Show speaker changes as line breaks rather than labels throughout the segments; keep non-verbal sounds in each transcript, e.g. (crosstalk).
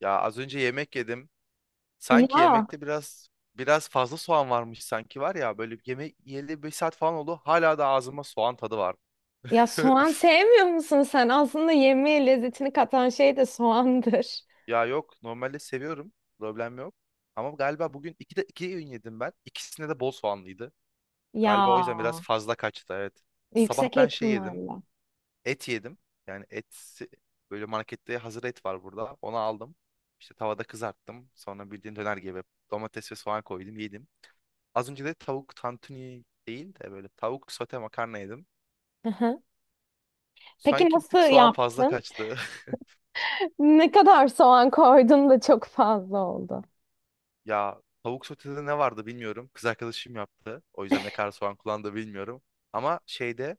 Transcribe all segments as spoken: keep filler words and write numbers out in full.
Ya, az önce yemek yedim. Sanki
Ya,
yemekte biraz biraz fazla soğan varmış sanki. Var ya, böyle bir yemek yiyeli beş saat falan oldu. Hala da ağzıma soğan tadı var.
ya
(laughs)
soğan sevmiyor musun sen? Aslında yemeğe lezzetini katan şey de soğandır. (laughs)
Ya yok, normalde seviyorum. Problem yok. Ama galiba bugün iki de iki öğün yedim ben. İkisinde de bol soğanlıydı.
Ya,
Galiba o yüzden biraz fazla kaçtı, evet. Sabah
yüksek
ben şey yedim.
ihtimalle.
Et yedim. Yani et böyle, markette hazır et var burada. Onu aldım. İşte tavada kızarttım. Sonra bildiğin döner gibi domates ve soğan koydum, yedim. Az önce de tavuk tantuni değil de böyle tavuk sote makarna yedim.
Hı hı. Peki
Sanki bir
nasıl
tık soğan fazla
yaptın?
kaçtı. (laughs)
Ne kadar soğan koydun da çok fazla oldu?
Ya tavuk sotede ne vardı bilmiyorum. Kız arkadaşım yaptı. O yüzden ne
(laughs)
kadar soğan kullandı bilmiyorum. Ama şeyde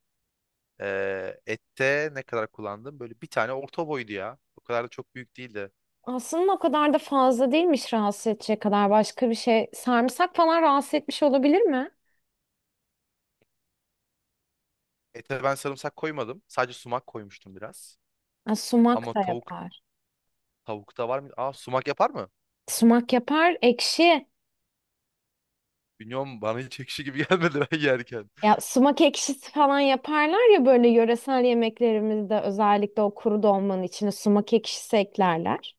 eee, ette ne kadar kullandım? Böyle bir tane orta boydu ya. O kadar da çok büyük değildi.
Aslında o kadar da fazla değilmiş rahatsız edecek kadar başka bir şey. Sarımsak falan rahatsız etmiş olabilir mi?
Ete ben sarımsak koymadım. Sadece sumak koymuştum biraz.
Ha, sumak
Ama
da
tavuk
yapar.
Tavukta var mı? Aa, sumak yapar mı?
Sumak yapar, ekşi.
Bilmiyorum, bana hiç ekşi gibi (laughs) gelmedi ben yerken.
Ya sumak ekşisi falan yaparlar ya böyle yöresel yemeklerimizde özellikle o kuru dolmanın içine sumak ekşisi eklerler.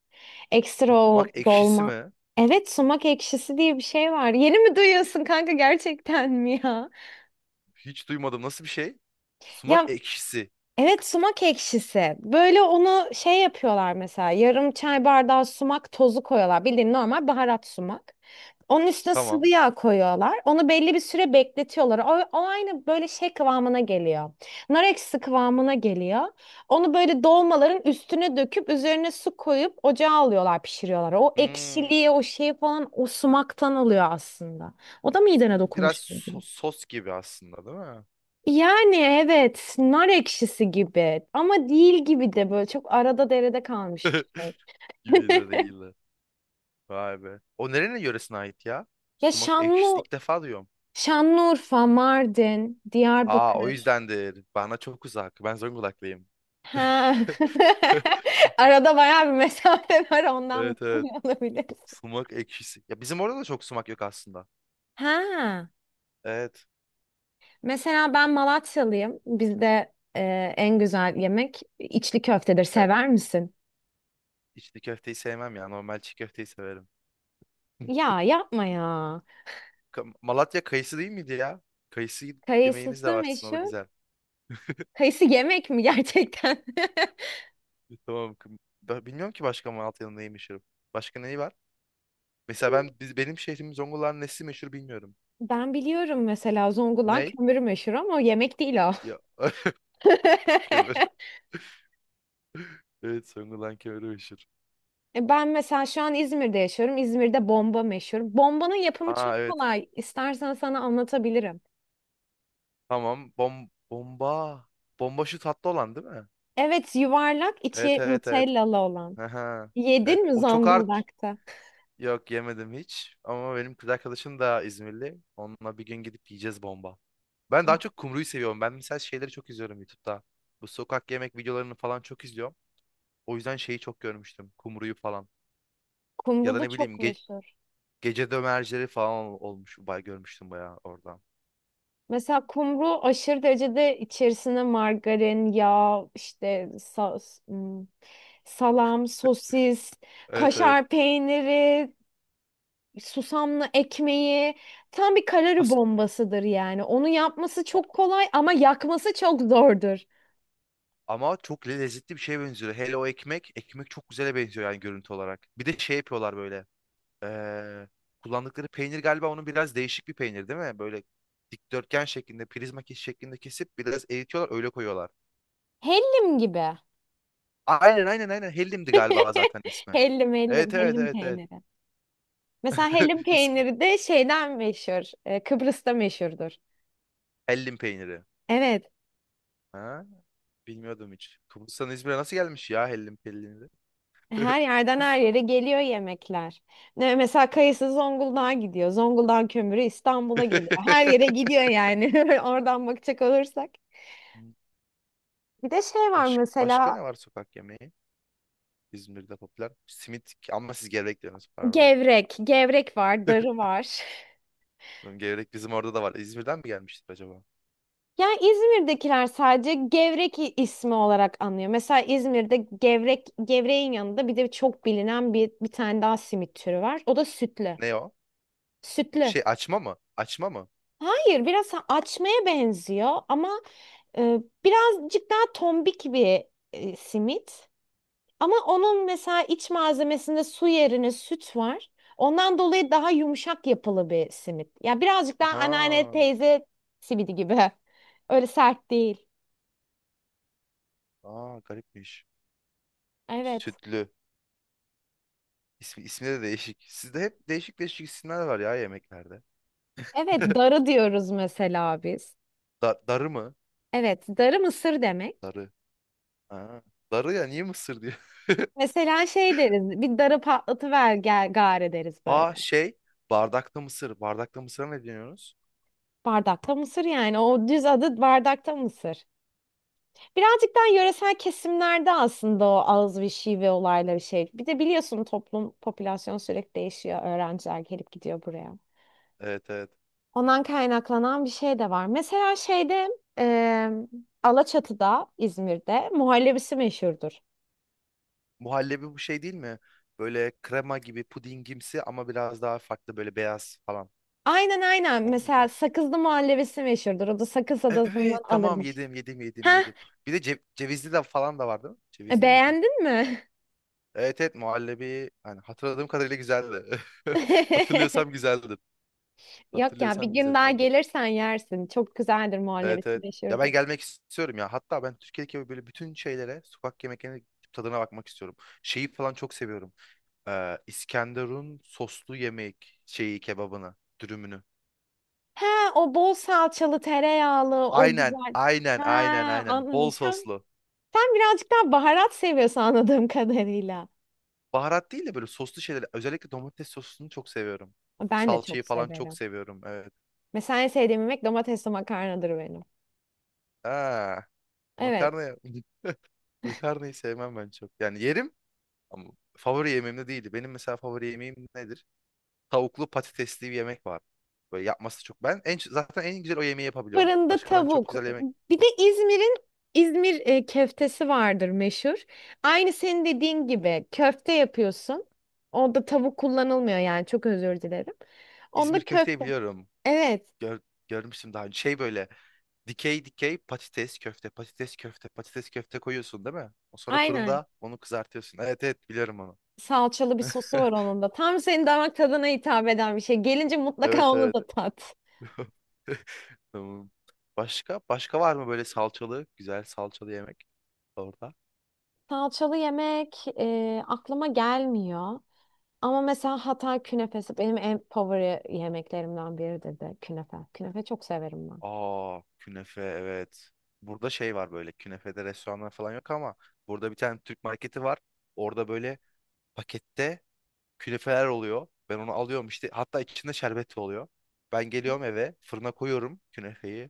Ekstra
Sumak
o
ekşisi
dolma.
mi?
Evet sumak ekşisi diye bir şey var. Yeni mi duyuyorsun kanka gerçekten mi ya?
Hiç duymadım. Nasıl bir şey? Sumak
Ya
ekşisi.
evet sumak ekşisi. Böyle onu şey yapıyorlar mesela yarım çay bardağı sumak tozu koyuyorlar. Bildiğin normal baharat sumak. Onun üstüne sıvı
Tamam.
yağ koyuyorlar. Onu belli bir süre bekletiyorlar. O, o aynı böyle şey kıvamına geliyor. Nar ekşisi kıvamına geliyor. Onu böyle dolmaların üstüne döküp üzerine su koyup ocağa alıyorlar pişiriyorlar. O
Hmm,
ekşiliği o şeyi falan o sumaktan alıyor aslında. O da midene dokunmuş.
biraz so- sos gibi aslında değil mi?
Yani evet nar ekşisi gibi ama değil gibi de böyle çok arada derede kalmış bir şey.
(laughs) Gibi de
(laughs)
değil de. Vay be. O nerenin yöresine ait ya?
Ya
Sumak ekşisi.
Şanlı
İlk defa duyuyorum.
Şanlıurfa, Mardin,
Aa, o
Diyarbakır.
yüzdendir. Bana çok uzak. Ben Zonguldaklıyım.
Ha.
(laughs)
(laughs) Arada bayağı bir mesafe (laughs) var ondan
Evet evet.
bilmiyor olabiliriz.
Sumak ekşisi. Ya bizim orada da çok sumak yok aslında.
Ha.
Evet.
Mesela ben Malatyalıyım. Bizde e, en güzel yemek içli köftedir.
Ya,
Sever misin?
içli köfteyi sevmem ya. Normal çiğ köfteyi severim.
Ya yapma ya.
Ka- Malatya kayısı değil miydi ya? Kayısı yemeğiniz de
Kayısısı
var sizin, o da
meşhur.
güzel.
Kayısı yemek mi gerçekten? (laughs)
Tamam. Kım- Da, bilmiyorum ki başka Malatya'nın neyi meşhur. Başka neyi var? Mesela ben biz, benim şehrim Zonguldak'ın nesi meşhur bilmiyorum.
Ben biliyorum mesela Zonguldak
Ney?
kömürü meşhur ama yemek değil o.
Ya, (laughs) kömür.
(laughs)
Evet, Zonguldak kömürü meşhur.
E, Ben mesela şu an İzmir'de yaşıyorum. İzmir'de bomba meşhur. Bombanın yapımı
Aa,
çok
evet.
kolay. İstersen sana anlatabilirim.
Tamam. Bom bomba. Bomba şu tatlı olan değil mi?
Evet, yuvarlak
Evet
içi
evet evet.
nutellalı olan.
Aha. Evet.
Yedin mi
O çok art.
Zonguldak'ta?
Yok, yemedim hiç. Ama benim kız arkadaşım da İzmirli. Onunla bir gün gidip yiyeceğiz bomba. Ben
Ya,
daha çok kumruyu seviyorum. Ben mesela şeyleri çok izliyorum YouTube'da. Bu sokak yemek videolarını falan çok izliyorum. O yüzden şeyi çok görmüştüm, Kumru'yu falan. Ya
Kumru
da
da
ne
çok
bileyim, ge-
meşhur.
gece dömercileri falan ol- olmuş. Bay, görmüştüm bayağı oradan.
Mesela kumru aşırı derecede içerisine margarin, yağ, işte sa- hmm, salam, sosis,
Evet evet.
kaşar peyniri, susamlı ekmeği tam bir kalori
As
bombasıdır yani. Onu yapması
a-
çok kolay ama yakması çok zordur.
ama çok le- lezzetli bir şeye benziyor. Hele o ekmek. Ekmek çok güzele benziyor yani, görüntü olarak. Bir de şey yapıyorlar böyle. Ee, kullandıkları peynir galiba onun, biraz değişik bir peynir değil mi? Böyle dikdörtgen şeklinde, prizma kes- şeklinde kesip biraz eritiyorlar, öyle koyuyorlar.
Hellim gibi.
Aynen aynen aynen. Hellim'di galiba zaten
(laughs)
ismi.
Hellim hellim
Evet evet
hellim
evet evet.
peyniri. Mesela hellim
(laughs) İsmi.
peyniri de şeyden meşhur. e, Kıbrıs'ta meşhurdur.
Hellim peyniri.
Evet.
Ha? Bilmiyordum hiç. Kıbrıs'tan İzmir'e nasıl gelmiş ya hellim pellini de?
Her yerden her yere geliyor yemekler. Ne- Mesela kayısı Zonguldak'a gidiyor. Zonguldak kömürü İstanbul'a geliyor. Her yere
(laughs)
gidiyor yani. (laughs) Oradan bakacak olursak. Bir de şey var
Baş- başka
mesela
ne var sokak yemeği? İzmir'de popüler. Simit, ama siz gevrek diyorsunuz, pardon.
Gevrek, gevrek var, darı var.
Oğlum, gevrek bizim orada da var. İzmir'den mi gelmiştir acaba?
Yani İzmir'dekiler sadece gevrek i- ismi olarak anlıyor. Mesela İzmir'de gevrek, gevreğin yanında bir de çok bilinen bir, bir tane daha simit türü var. O da sütlü.
Ne o?
Sütlü.
Şey, açma mı? Açma mı?
Hayır, biraz ha- açmaya benziyor ama e, birazcık daha tombik bir e, simit. Ama onun mesela iç malzemesinde su yerine süt var. Ondan dolayı daha yumuşak yapılı bir simit. Ya birazcık daha anneanne
Aha.
teyze simidi gibi. (laughs) Öyle sert değil.
Aa, garipmiş.
Evet.
Sütlü. İsmi, ismi de değişik. Sizde hep değişik değişik isimler var ya yemeklerde.
Evet,
(laughs)
darı diyoruz mesela biz.
Da- darı mı?
Evet, darı mısır demek.
Darı. Aa, darı ya niye mısır diyor.
Mesela şey deriz, bir darı patlatıver gel gari deriz
Aa,
böyle.
şey, bardakta mısır. Bardakta mısıra ne deniyoruz?
Bardakta mısır yani. O düz adı bardakta mısır. Birazcık daha yöresel kesimlerde aslında o ağız ve şive olayları şey. Bir de biliyorsun toplum, popülasyon sürekli değişiyor. Öğrenciler gelip gidiyor buraya.
Evet evet.
Ondan kaynaklanan bir şey de var. Mesela şeyde eee Alaçatı'da, İzmir'de muhallebisi meşhurdur.
Muhallebi bu şey değil mi? Böyle krema gibi, pudingimsi ama biraz daha farklı, böyle beyaz falan.
Aynen aynen.
O
Mesela
muydu?
Sakızlı muhallebisi meşhurdur. O da Sakız
Evet
Adası'ndan
tamam,
alırmış.
yedim yedim yedim
Heh,
yedim. Bir de ce- cevizli de falan da vardı. Cevizli miydi?
beğendin mi?
Evet evet, muhallebi yani, hatırladığım kadarıyla güzeldi. (laughs) Hatırlıyorsam
(laughs)
güzeldi.
Yok ya bir
Hatırlıyorsam
gün daha
güzeldi.
gelirsen yersin. Çok güzeldir
Evet
muhallebisi
evet. Ya ben
meşhurdur.
gelmek istiyorum ya. Hatta ben Türkiye'deki böyle bütün şeylere, sokak yemeklerine tadına bakmak istiyorum. Şeyi falan çok seviyorum. e, İskenderun soslu yemek şeyi, kebabını, dürümünü.
He o bol salçalı tereyağlı o
Aynen,
güzel. He
aynen, aynen, aynen. Bol
anladım. Sen
soslu.
sen birazcık daha baharat seviyorsun anladığım kadarıyla.
Baharat değil de böyle soslu şeyler. Özellikle domates sosunu çok seviyorum.
Ben de çok
Salçayı falan çok
severim.
seviyorum. Evet.
Mesela en sevdiğim yemek domatesli makarnadır benim.
Aa,
Evet.
makarna (laughs) makarnayı sevmem ben çok. Yani yerim ama favori yemeğim de değildi. Benim mesela favori yemeğim nedir? Tavuklu patatesli bir yemek var. Böyle yapması çok. Ben en, zaten en güzel o yemeği yapabiliyorum.
Fırında
Başka ben çok
tavuk.
güzel yemek.
Bir de İzmir'in İzmir e, köftesi vardır meşhur. Aynı senin dediğin gibi köfte yapıyorsun. Orada tavuk kullanılmıyor yani çok özür dilerim. Onda
İzmir köfteyi
köfte.
biliyorum.
Evet.
gör, görmüştüm daha önce. Şey böyle dikey dikey patates köfte, patates köfte, patates köfte koyuyorsun değil mi? O sonra
Aynen.
fırında onu kızartıyorsun. Evet evet, biliyorum onu.
Salçalı bir sosu var
(laughs)
onun da. Tam senin damak tadına hitap eden bir şey. Gelince mutlaka
Evet
onu
evet.
da tat.
(laughs) Tamam. Başka? Başka var mı böyle salçalı, güzel salçalı yemek orada?
Salçalı yemek e, aklıma gelmiyor. Ama mesela Hatay künefesi benim en favori yemeklerimden biridir de künefe. Künefe çok severim ben.
Aa, künefe, evet. Burada şey var, böyle künefede restoranlar falan yok ama burada bir tane Türk marketi var. Orada böyle pakette künefeler oluyor. Ben onu alıyorum işte. Hatta içinde şerbet oluyor. Ben geliyorum eve, fırına koyuyorum künefeyi.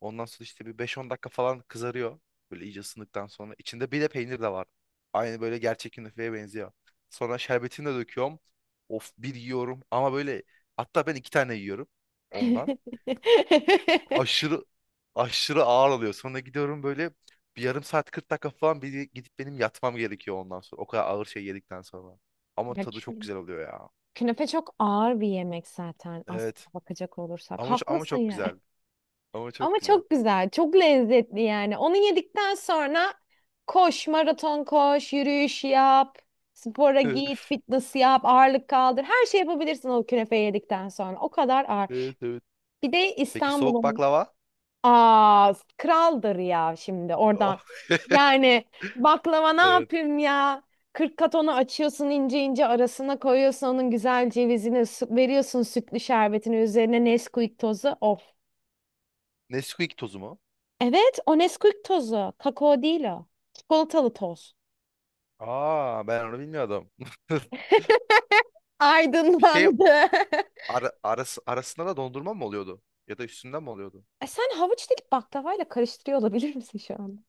Ondan sonra işte bir beş on dakika falan kızarıyor. Böyle iyice ısındıktan sonra. İçinde bir de peynir de var. Aynı böyle gerçek künefeye benziyor. Sonra şerbetini de döküyorum. Of, bir yiyorum ama böyle, hatta ben iki tane yiyorum ondan.
(laughs)
Aşırı aşırı ağır oluyor. Sonra gidiyorum, böyle bir yarım saat kırk dakika falan bir gidip benim yatmam gerekiyor ondan sonra. O kadar ağır şey yedikten sonra. Ama
Ya
tadı çok
kü-
güzel oluyor ya.
Künefe çok ağır bir yemek zaten
Evet.
aslında bakacak olursak.
Ama ço- ama
Haklısın
çok
ya.
güzel. Ama çok
Ama
güzel.
çok güzel, çok lezzetli yani. Onu yedikten sonra koş, maraton koş, yürüyüş yap, spora git,
(laughs)
fitness yap, ağırlık kaldır. Her şey yapabilirsin o künefeyi yedikten sonra. O kadar ağır.
Evet evet.
Bir de
Peki, soğuk
İstanbul'un
baklava?
aa kraldır ya şimdi
Oh,
oradan. Yani baklava ne
evet.
yapayım ya? kırk kat onu açıyorsun ince ince arasına koyuyorsun onun güzel cevizini su- veriyorsun sütlü şerbetini üzerine Nesquik tozu. Of.
Nesquik tozu mu?
Evet, o Nesquik tozu. Kakao değil o. Çikolatalı toz.
Aa, ben onu bilmiyordum. (laughs) Bir şey
Aydınlandı. (laughs)
ara, arası, arasında da dondurma mı oluyordu? Ya da üstünden mi oluyordu?
E sen havuç dilip baklavayla karıştırıyor olabilir misin şu anda?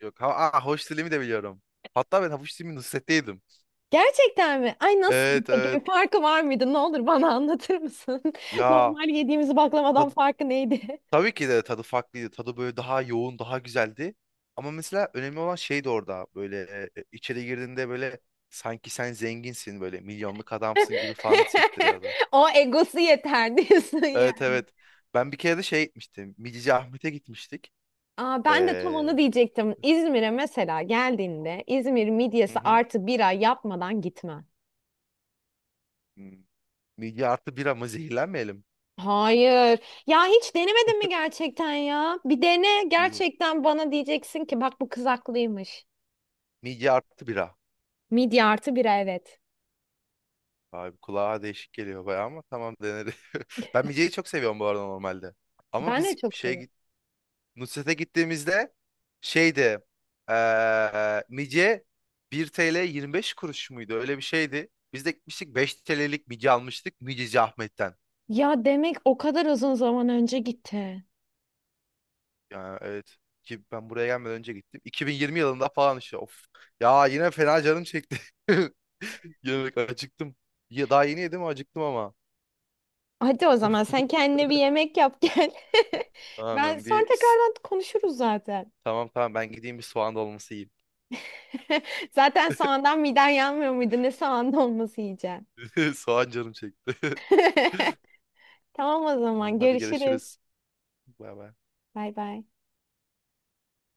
Yok. Ha, aa, havuç dilimi de biliyorum. Hatta ben havuç dilimi Nusret'te yedim.
Gerçekten mi? Ay nasıl
Evet
peki
evet.
bir farkı var mıydı? Ne olur bana anlatır mısın? (laughs)
Ya
Normal yediğimiz baklavadan
tadı
farkı neydi?
Tabii ki de tadı farklıydı. Tadı böyle daha yoğun, daha güzeldi. Ama mesela önemli olan şey de orada. Böyle, e, içeri girdiğinde böyle sanki sen zenginsin, böyle milyonluk adamsın gibi falan hissettiriyordu.
(laughs) O egosu yeter diyorsun
Evet
yani.
evet. Ben bir kere de şey gitmiştim, Midici Ahmet'e gitmiştik.
Aa, ben de tam
Ee,
onu diyecektim. İzmir'e mesela geldiğinde İzmir
hı
midyesi
hı.
artı bira yapmadan gitme.
Hmm. Midye artı bira mı, zehirlenmeyelim?
Hayır. Ya hiç denemedin mi gerçekten ya? Bir dene
Yuh.
gerçekten bana diyeceksin ki bak bu kız haklıymış.
Midye artı bira.
Midye artı bira evet.
Abi, kulağa değişik geliyor bayağı ama tamam, deneriz. (laughs) Ben midyeyi çok seviyorum bu arada, normalde. Ama
Ben de
biz
çok
şeye
severim.
git- Nusret'e gittiğimizde şeydi, eee mice bir T L yirmi beş kuruş muydu? Öyle bir şeydi. Biz de gitmiştik beş T L'lik mice almıştık Miceci Ahmet'ten.
Ya demek o kadar uzun zaman önce gitti.
Yani evet, ki ben buraya gelmeden önce gittim. iki bin yirmi yılında falan işte, of. Ya yine fena canım çekti. (laughs) Yemek, acıktım. Ya daha yeni yedim, acıktım ama.
Hadi o zaman sen kendine bir
(laughs)
yemek yap gel. (laughs) Ben
Tamamen
sonra
bir
tekrardan konuşuruz zaten.
tamam tamam, ben gideyim bir soğan dolması yiyeyim.
(laughs) Zaten soğandan miden yanmıyor muydu? Ne soğanlı olması yiyeceğim.
(laughs) Soğan canım çekti.
(laughs) Tamam o
Tamam,
zaman
hadi
görüşürüz.
görüşürüz. Bay bay.
Bay bay.